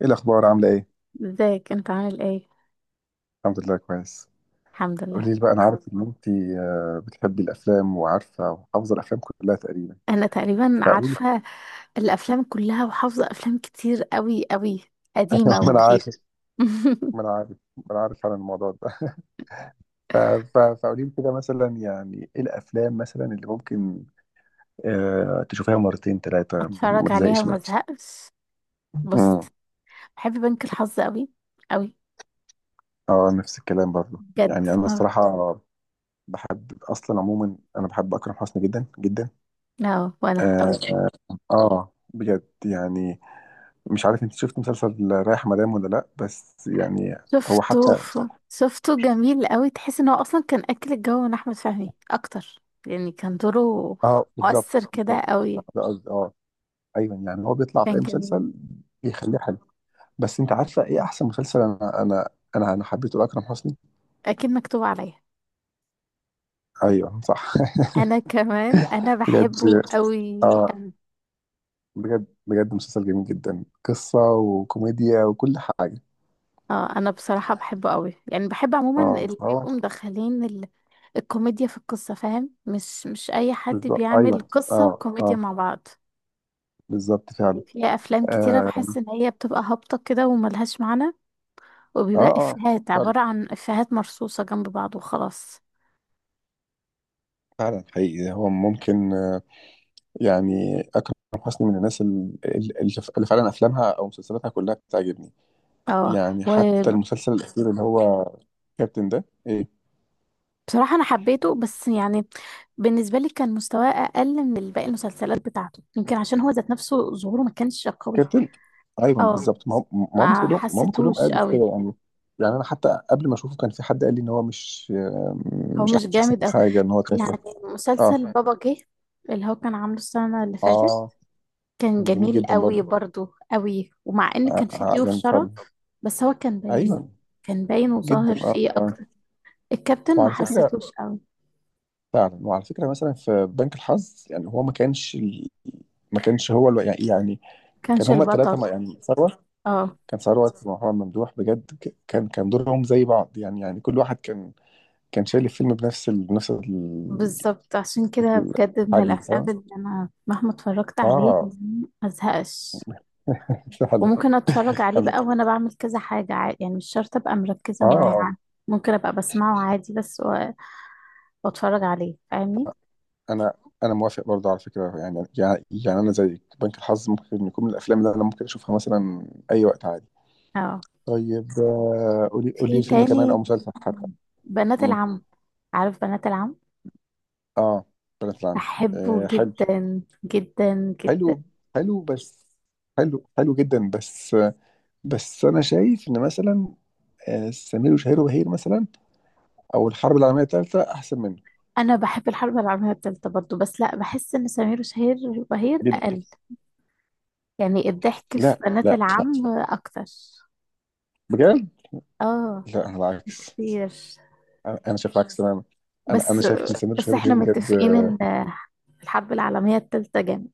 ايه الاخبار؟ عامله ايه؟ ازيك انت عامل ايه؟ الحمد لله كويس. الحمد لله. قولي لي بقى، انا عارف ان انت بتحبي الافلام وعارفه وحافظه الافلام كلها تقريبا، انا تقريبا فقولي لي. عارفه الافلام كلها وحافظه افلام كتير قوي قوي، قديمه ما انا عارف، وجديده. ما انا عارف ما انا عارف عن الموضوع ده. ف- فقولي لي كده مثلا، يعني ايه الافلام مثلا اللي ممكن تشوفيها مرتين ثلاثه ما اتفرج عليها تزهقش وما منها؟ ازهقش. بص، امم بحب بنك الحظ قوي قوي، اه، نفس الكلام برضه، بجد يعني انا اه. الصراحه بحب اصلا عموما، انا بحب اكرم حسني جدا جدا. اه، وانا اه، قوي. بجد يعني. مش عارف انت شفت مسلسل رايح مدام ولا لا، بس يعني هو حتى، شفته جميل قوي، تحس ان هو اصلا كان اكل الجو من احمد فهمي اكتر. يعني كان دوره اه بالظبط مؤثر كده بالظبط، قوي. ده قصدي اه. ايوه يعني هو بيطلع في اي كان جميل. مسلسل بيخليه حلو. بس انت عارفه ايه احسن مسلسل انا حبيته لاكرم حسني؟ اكيد مكتوب عليا. ايوه صح. انا كمان انا بجد بحبه قوي. اه، بجد بجد مسلسل جميل جدا، قصه وكوميديا وكل حاجه. اه، انا بصراحة بحبه قوي، يعني بحب عموما اه اللي اه بيبقوا مدخلين الكوميديا في القصة، فاهم؟ مش اي حد بالظبط، بيعمل ايوه قصة اه وكوميديا اه مع بعض. بالظبط فعلا. يعني في افلام كتيرة اه، بحس ان هي بتبقى هابطة كده وملهاش معنى، اه, وبيبقى آه. افيهات فعلا، عبارة عن افيهات مرصوصة جنب بعض وخلاص. فعلا حقيقي هو ممكن يعني أكرم حسني من الناس اللي فعلا أفلامها أو مسلسلاتها كلها بتعجبني. اه، يعني حتى وبصراحة المسلسل الأخير اللي هو كابتن ده، إيه انا حبيته بس يعني بالنسبة لي كان مستواه اقل من باقي المسلسلات بتاعته، يمكن عشان هو ذات نفسه ظهوره ما كانش قوي. كابتن؟ أيوه اه، بالظبط. ما هم ما هم ما كلهم ما هم كلهم حسيتهوش قالوا قوي. كده يعني. يعني أنا حتى قبل ما أشوفه كان في حد قال لي إن هو مش، هو مش مش أحسن جامد قوي. حاجة إن هو كان. يعني آه مسلسل بابا جه اللي هو كان عامله السنة اللي فاتت آه كان كان جميل جميل جدا قوي برضه. برضو قوي، ومع ان كان فيه ضيوف يعني شرف. فعلا. بس هو كان باين، أيوه كان باين جدا، وظاهر آه فيه آه اكتر. الكابتن ما وعلى فكرة، حسيتهوش قوي، فعلا وعلى فكره مثلا في بنك الحظ، يعني هو ما كانش ما كانش هو يعني يعني كان كانش هما الثلاثه، البطل. ما يعني ثروت، اه كان ثروت ومحمد ممدوح بجد، كان كان دورهم زي بعض، يعني يعني كل واحد كان كان شايل الفيلم بنفس بالظبط، عشان كده بجد من الحجم، الافلام فاهم؟ اللي انا مهما اتفرجت عليه اه ما ازهقش. فعلا. وممكن اتفرج عليه انا بقى وانا بعمل كذا حاجة عادي، يعني مش شرط ابقى مركزة اه معاه اه يعني. ممكن ابقى بسمعه عادي بس واتفرج عليه، فاهمني؟ انا انا موافق برضه على فكره، يعني يعني يعني انا زي بنك الحظ ممكن يكون من الافلام اللي انا ممكن اشوفها مثلا اي وقت عادي. اه، طيب قولي في قولي ماشي لي فيلم كمان او تاني: مسلسل حتى. بنات العم. عارف بنات العم؟ اه، بنات العم. بحبه آه حلو، جدا جدا جدا. حلو، حلو بس، حلو جدا، بس بس انا شايف ان مثلا سمير وشهير وبهير مثلا، او الحرب العالميه الثالثه احسن منه انا بحب الحرب العالميه الثالثه برضو، بس لا، بحس ان سمير وشهير وبهير جدا. اقل. يعني الضحك في لا بنات لا العم اكتر، بجد، اه، لا انا العكس، كتير. أنا شايف العكس تماما. انا بس شايف ان سمير بس وشهير احنا وبهير بجد. متفقين ان الحرب العالمية التالتة جامد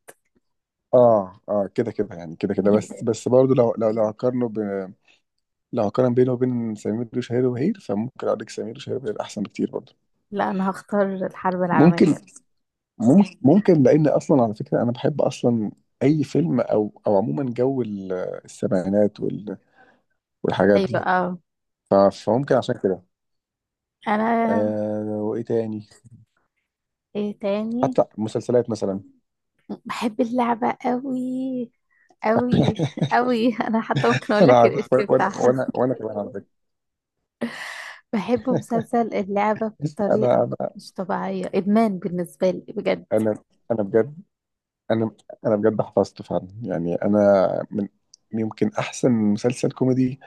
اه كده كده، يعني كده كده بس، جدا. بس برضه لو لو لو هقارن بينه وبين سمير وشهير وبهير، فممكن اقول لك سمير وشهير وبهير احسن بكتير برضه. لا، أنا هختار الحرب العالمية ممكن، التالتة. ممكن لان اصلا على فكره انا بحب اصلا اي فيلم او عموما جو السبعينات والحاجات أيوة دي. اه. فممكن عشان كده. أنا آه، وايه تاني؟ إيه تاني؟ حتى مسلسلات مثلا. بحب اللعبة قوي قوي قوي. أنا حتى ممكن أقول انا لك عارف، الاسم وانا بتاعها. وانا وانا كمان على فكره. بحب مسلسل اللعبة انا بطريقة انا مش طبيعية، إدمان بالنسبة لي بجد. انا انا بجد، انا انا بجد حفظت فعلا، يعني انا من، يمكن احسن مسلسل كوميدي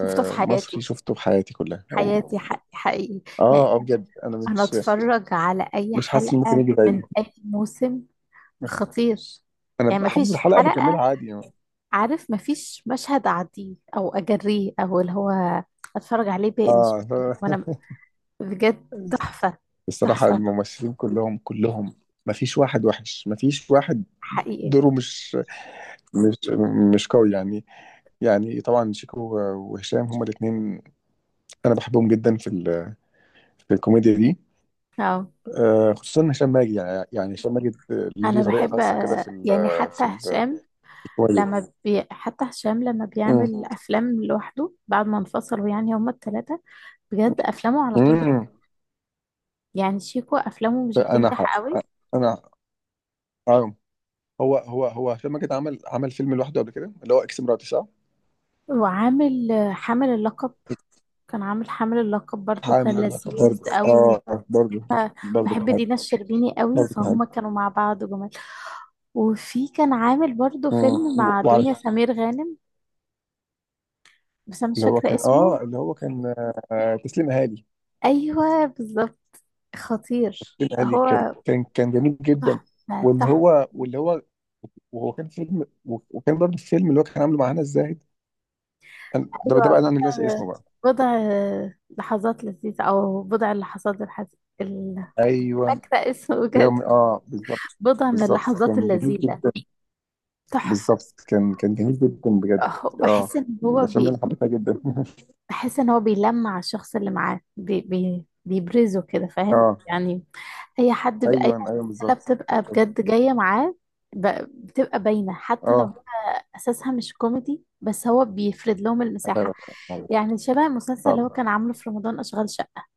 شفته في حياتي، مصري شفته في حياتي كلها حياتي حقيقي، حقيقي. يعني اه اه بجد، انا أنا مش أتفرج على أي مش حاسس ان ممكن حلقة يجي زيه. من أي موسم. خطير. يعني حافظ مفيش الحلقه بكملها حلقة، عادي يعني. عارف؟ مفيش مشهد اعديه او اجريه او اللي هو اتفرج عليه بقى، مش اه وانا. بجد تحفة، الصراحه تحفة الممثلين كلهم، ما فيش واحد وحش، ما فيش واحد حقيقي. دوره مش مش قوي يعني. يعني طبعا شيكو وهشام، هما الاثنين انا بحبهم جدا في الكوميديا دي. اه، خصوصا هشام ماجد، يعني يعني هشام ماجد انا ليه طريقه بحب، خاصه كده في يعني حتى في ال- في الكوميديا. حتى هشام لما امم بيعمل افلام لوحده بعد ما انفصلوا، يعني هما الثلاثة بجد افلامه على طول امم يعني شيكو افلامه مش انا حق بتنجح قوي. انا آه. هو هو هشام ماجد عمل، عمل فيلم لوحده قبل كده، اللي هو اكس مراتي صح؟ وعامل حامل اللقب. كان عامل حامل اللقب برضو، حامل كان اللقب لذيذ برضه، قوي. اه برضه، برضه كان بحب حامل دينا الشربيني قوي، برضه كان حامل فهم كانوا مع بعض جمال. وفي كان عامل برضو فيلم مع وعلى، دنيا سمير غانم، بس انا مش اللي هو فاكرة كان اسمه. اه، اللي هو كان تسليم اهالي. ايوه بالظبط. خطير تسليم اهالي كان هو، كان كان جميل جدا. تحفة واللي تحفة. هو، واللي هو، وهو كان فيلم وكان برضه الفيلم اللي هو كان عامله مع هنا الزاهد. ده بقى ايوه انا اللي ناسي بضع اسمه بقى. بضع لحظات لذيذة، او بضع ال- ايوه، فاكرة اسمه يوم، بجد. اه بالظبط. بضع من بالظبط اللحظات كان جميل اللذيذة. جدا، تحفة. بالظبط كان جميل جدا بجد. أهو، اه، من الافلام اللي انا حبيتها جدا بحس ان هو بيلمع على الشخص اللي معاه، بي بي بيبرزه كده، فاهم اه، يعني؟ اي حد، اي ايوه ممثله بالظبط. بتبقى بجد جايه معاه، ب- بتبقى باينه حتى لو اه هي اساسها مش كوميدي، بس هو بيفرد لهم المساحه. يعني شبه المسلسل اللي فعلا. هو كان عامله في رمضان، اشغال شقه.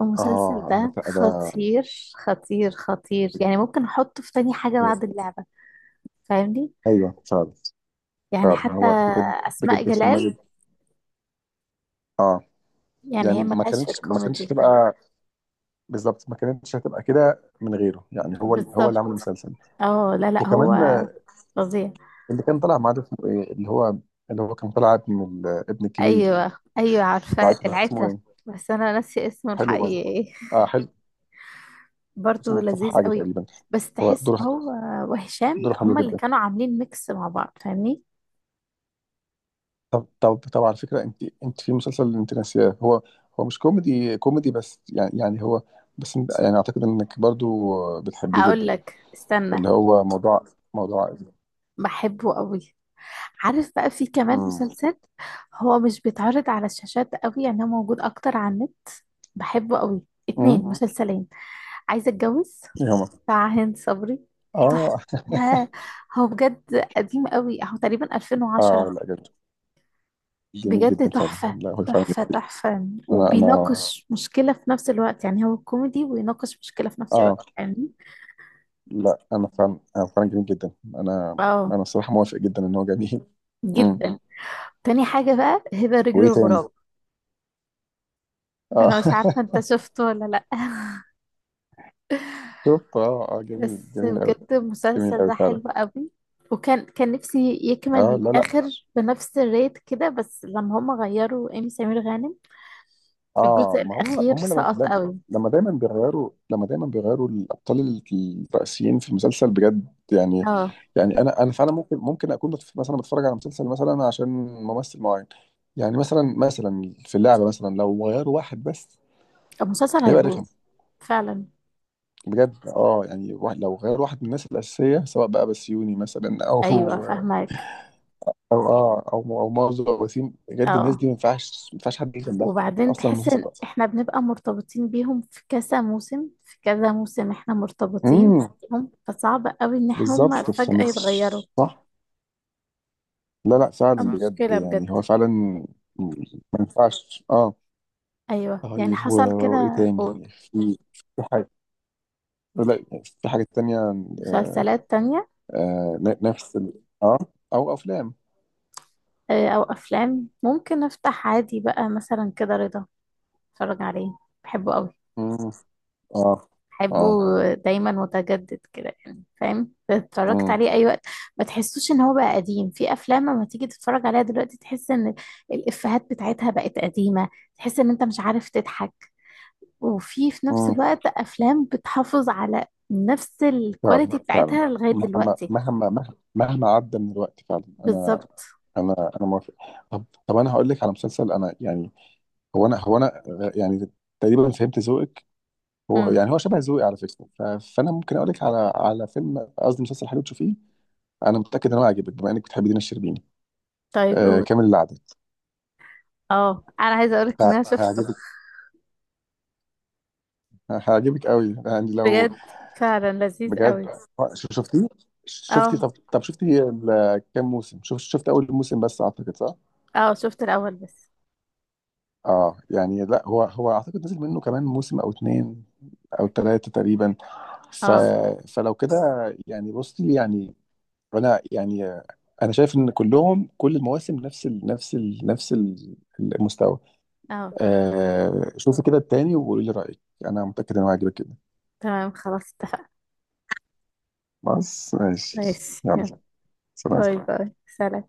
المسلسل اه ده لا، ده خطير، خطير خطير، يعني ممكن احطه في تاني حاجه بعد اللعبه، فاهمني؟ ايوه فعلا. يعني فعلا حتى هو بجد، اسماء بجد السينما جلال، دي اه. يعني يعني هي ما ملهاش في كانتش ما كانتش الكوميدي. هتبقى، بالظبط ما كانتش هتبقى كده من غيره، يعني هو هو اللي بالظبط. عمل المسلسل. اه لا لا، هو وكمان فظيع. اللي كان طالع معاه ده اسمه ايه؟ اللي هو، اللي هو كان طالع ابن ابن الكبير، ايوه ايوه، عارفه العترة اسمه العترة. ايه؟ بس انا ناسيه اسمه حلو الحقيقي برضه، ايه. اه حلو. برضه اسمه مصطفى لذيذ حاجه قوي. تقريبا. بس هو تحس ان دوره، هو وهشام دوره حلو هما اللي جدا. كانوا عاملين ميكس مع بعض، فاهمني؟ طب على فكرة انت، انت في مسلسل انت ناسياه، هو هو مش كوميدي كوميدي، بس يعني يعني هو، بس انت يعني اعتقد انك برضو بتحبيه هقول جدا، لك استنى. اللي هو موضوع، موضوع عائلي. بحبه قوي. عارف بقى في كمان امم مسلسل، هو مش بيتعرض على الشاشات قوي يعني، هو موجود اكتر على النت. بحبه قوي. اتنين امم مسلسلين: عايزه اتجوز ايه هما؟ بتاع هند صبري. تحفة. اه هو بجد قديم قوي، هو تقريبا اه 2010. لا جميل، جميل بجد جدا فعلا، تحفة، لا هو فعلا تحفة جميل. تحفة. انا انا وبيناقش مشكلة في نفس الوقت، يعني هو كوميدي ويناقش مشكلة في نفس اه الوقت يعني. لا، انا فعلا جميل جدا، انا اه، انا الصراحة موافق جدا ان هو جميل. امم، جدا. تاني حاجة بقى: هبة رجل وايه تاني؟ الغراب. اه انا مش عارفة انت شفته ولا لا. شوف، اه جميل، بس جميل قوي، بجد جميل المسلسل قوي ده فعلا. حلو قوي. وكان، كان نفسي يكمل اه لا لا. للآخر بنفس الريت كده، بس لما هم غيروا إيمي سمير غانم اه، الجزء ما هو الأخير هم لما، سقط لما قوي. لما دايما بيغيروا، لما دايما بيغيروا الابطال الرئيسيين في المسلسل بجد يعني. اه، يعني انا فعلا ممكن، ممكن اكون مثلا بتفرج على مسلسل مثلا عشان ممثل معين. يعني مثلا في اللعبه مثلا لو غيروا واحد بس، المسلسل هيبقى هيبوظ. رخم فعلا. بجد. اه يعني واحد، لو غير واحد من الناس الاساسيه، سواء بقى بسيوني مثلا او أيوة او فاهمك. اه او مازو او وسيم، بجد الناس اه، دي ما ينفعش حد يجي جنبها. وبعدين اصلا تحس المسلسل، إن إحنا بنبقى مرتبطين بيهم في كذا موسم، في كذا موسم إحنا مرتبطين امم، بيهم، فصعب قوي إن إحنا هما بالظبط بالظبط فجأة فمش، يتغيروا. صح. لا بتبقى صح فعلا بجد، مشكلة بجد. يعني هو فعلا ما ينفعش اه. أيوة، يعني طيب حصل كده. وايه قول. تاني في؟ في حاجه، لا في حاجه تانية، آه مسلسلات تانية؟ آه نفس اه، او افلام. أو أفلام ممكن أفتح عادي بقى مثلا كده رضا، أتفرج عليه. بحبه قوي، مم. اه بحبه، اه دايما متجدد كده، يعني فاهم؟ اتفرجت مم. عليه اي وقت، ما تحسوش ان هو بقى قديم. في افلام لما تيجي تتفرج عليها دلوقتي تحس ان الافيهات بتاعتها بقت قديمة، تحس ان انت مش عارف تضحك. وفي نفس مم. الوقت افلام بتحافظ على نفس فعلا، الكواليتي فعلا بتاعتها لغاية مهما، دلوقتي. مهما عدى من الوقت، فعلا انا بالظبط. انا انا موافق. طب، انا هقول لك على مسلسل انا يعني، هو انا يعني تقريبا فهمت ذوقك، هو امم يعني هو شبه ذوقي على فكره. فانا ممكن اقول لك على، على فيلم، قصدي مسلسل حلو تشوفيه. انا متاكد ان هو هيعجبك، بما انك بتحبي دينا الشربيني. طيب آه، قول. كامل العدد. اه، انا عايزة اقولك ان انا شفته. هيعجبك، هيعجبك قوي يعني لو، بجد فعلا لذيذ بجد. قوي. شفتيه، شفتي؟ اه طب شفتي كام موسم شفت؟ شفت اول موسم بس اعتقد، صح؟ اه، شفت الاول بس. اه يعني لا، هو اعتقد نزل منه كمان موسم او اتنين او ثلاثه تقريبا، ف... اه فلو كده، يعني بصي يعني، فانا يعني انا شايف ان كلهم، كل المواسم نفس المستوى. اه، آه شوفي كده التاني وقولي لي رايك، انا متاكد انه هيعجبك كده. تمام خلاص اتفقنا. بس ماشي. ماشي. يلا، سلام. باي باي، سلام.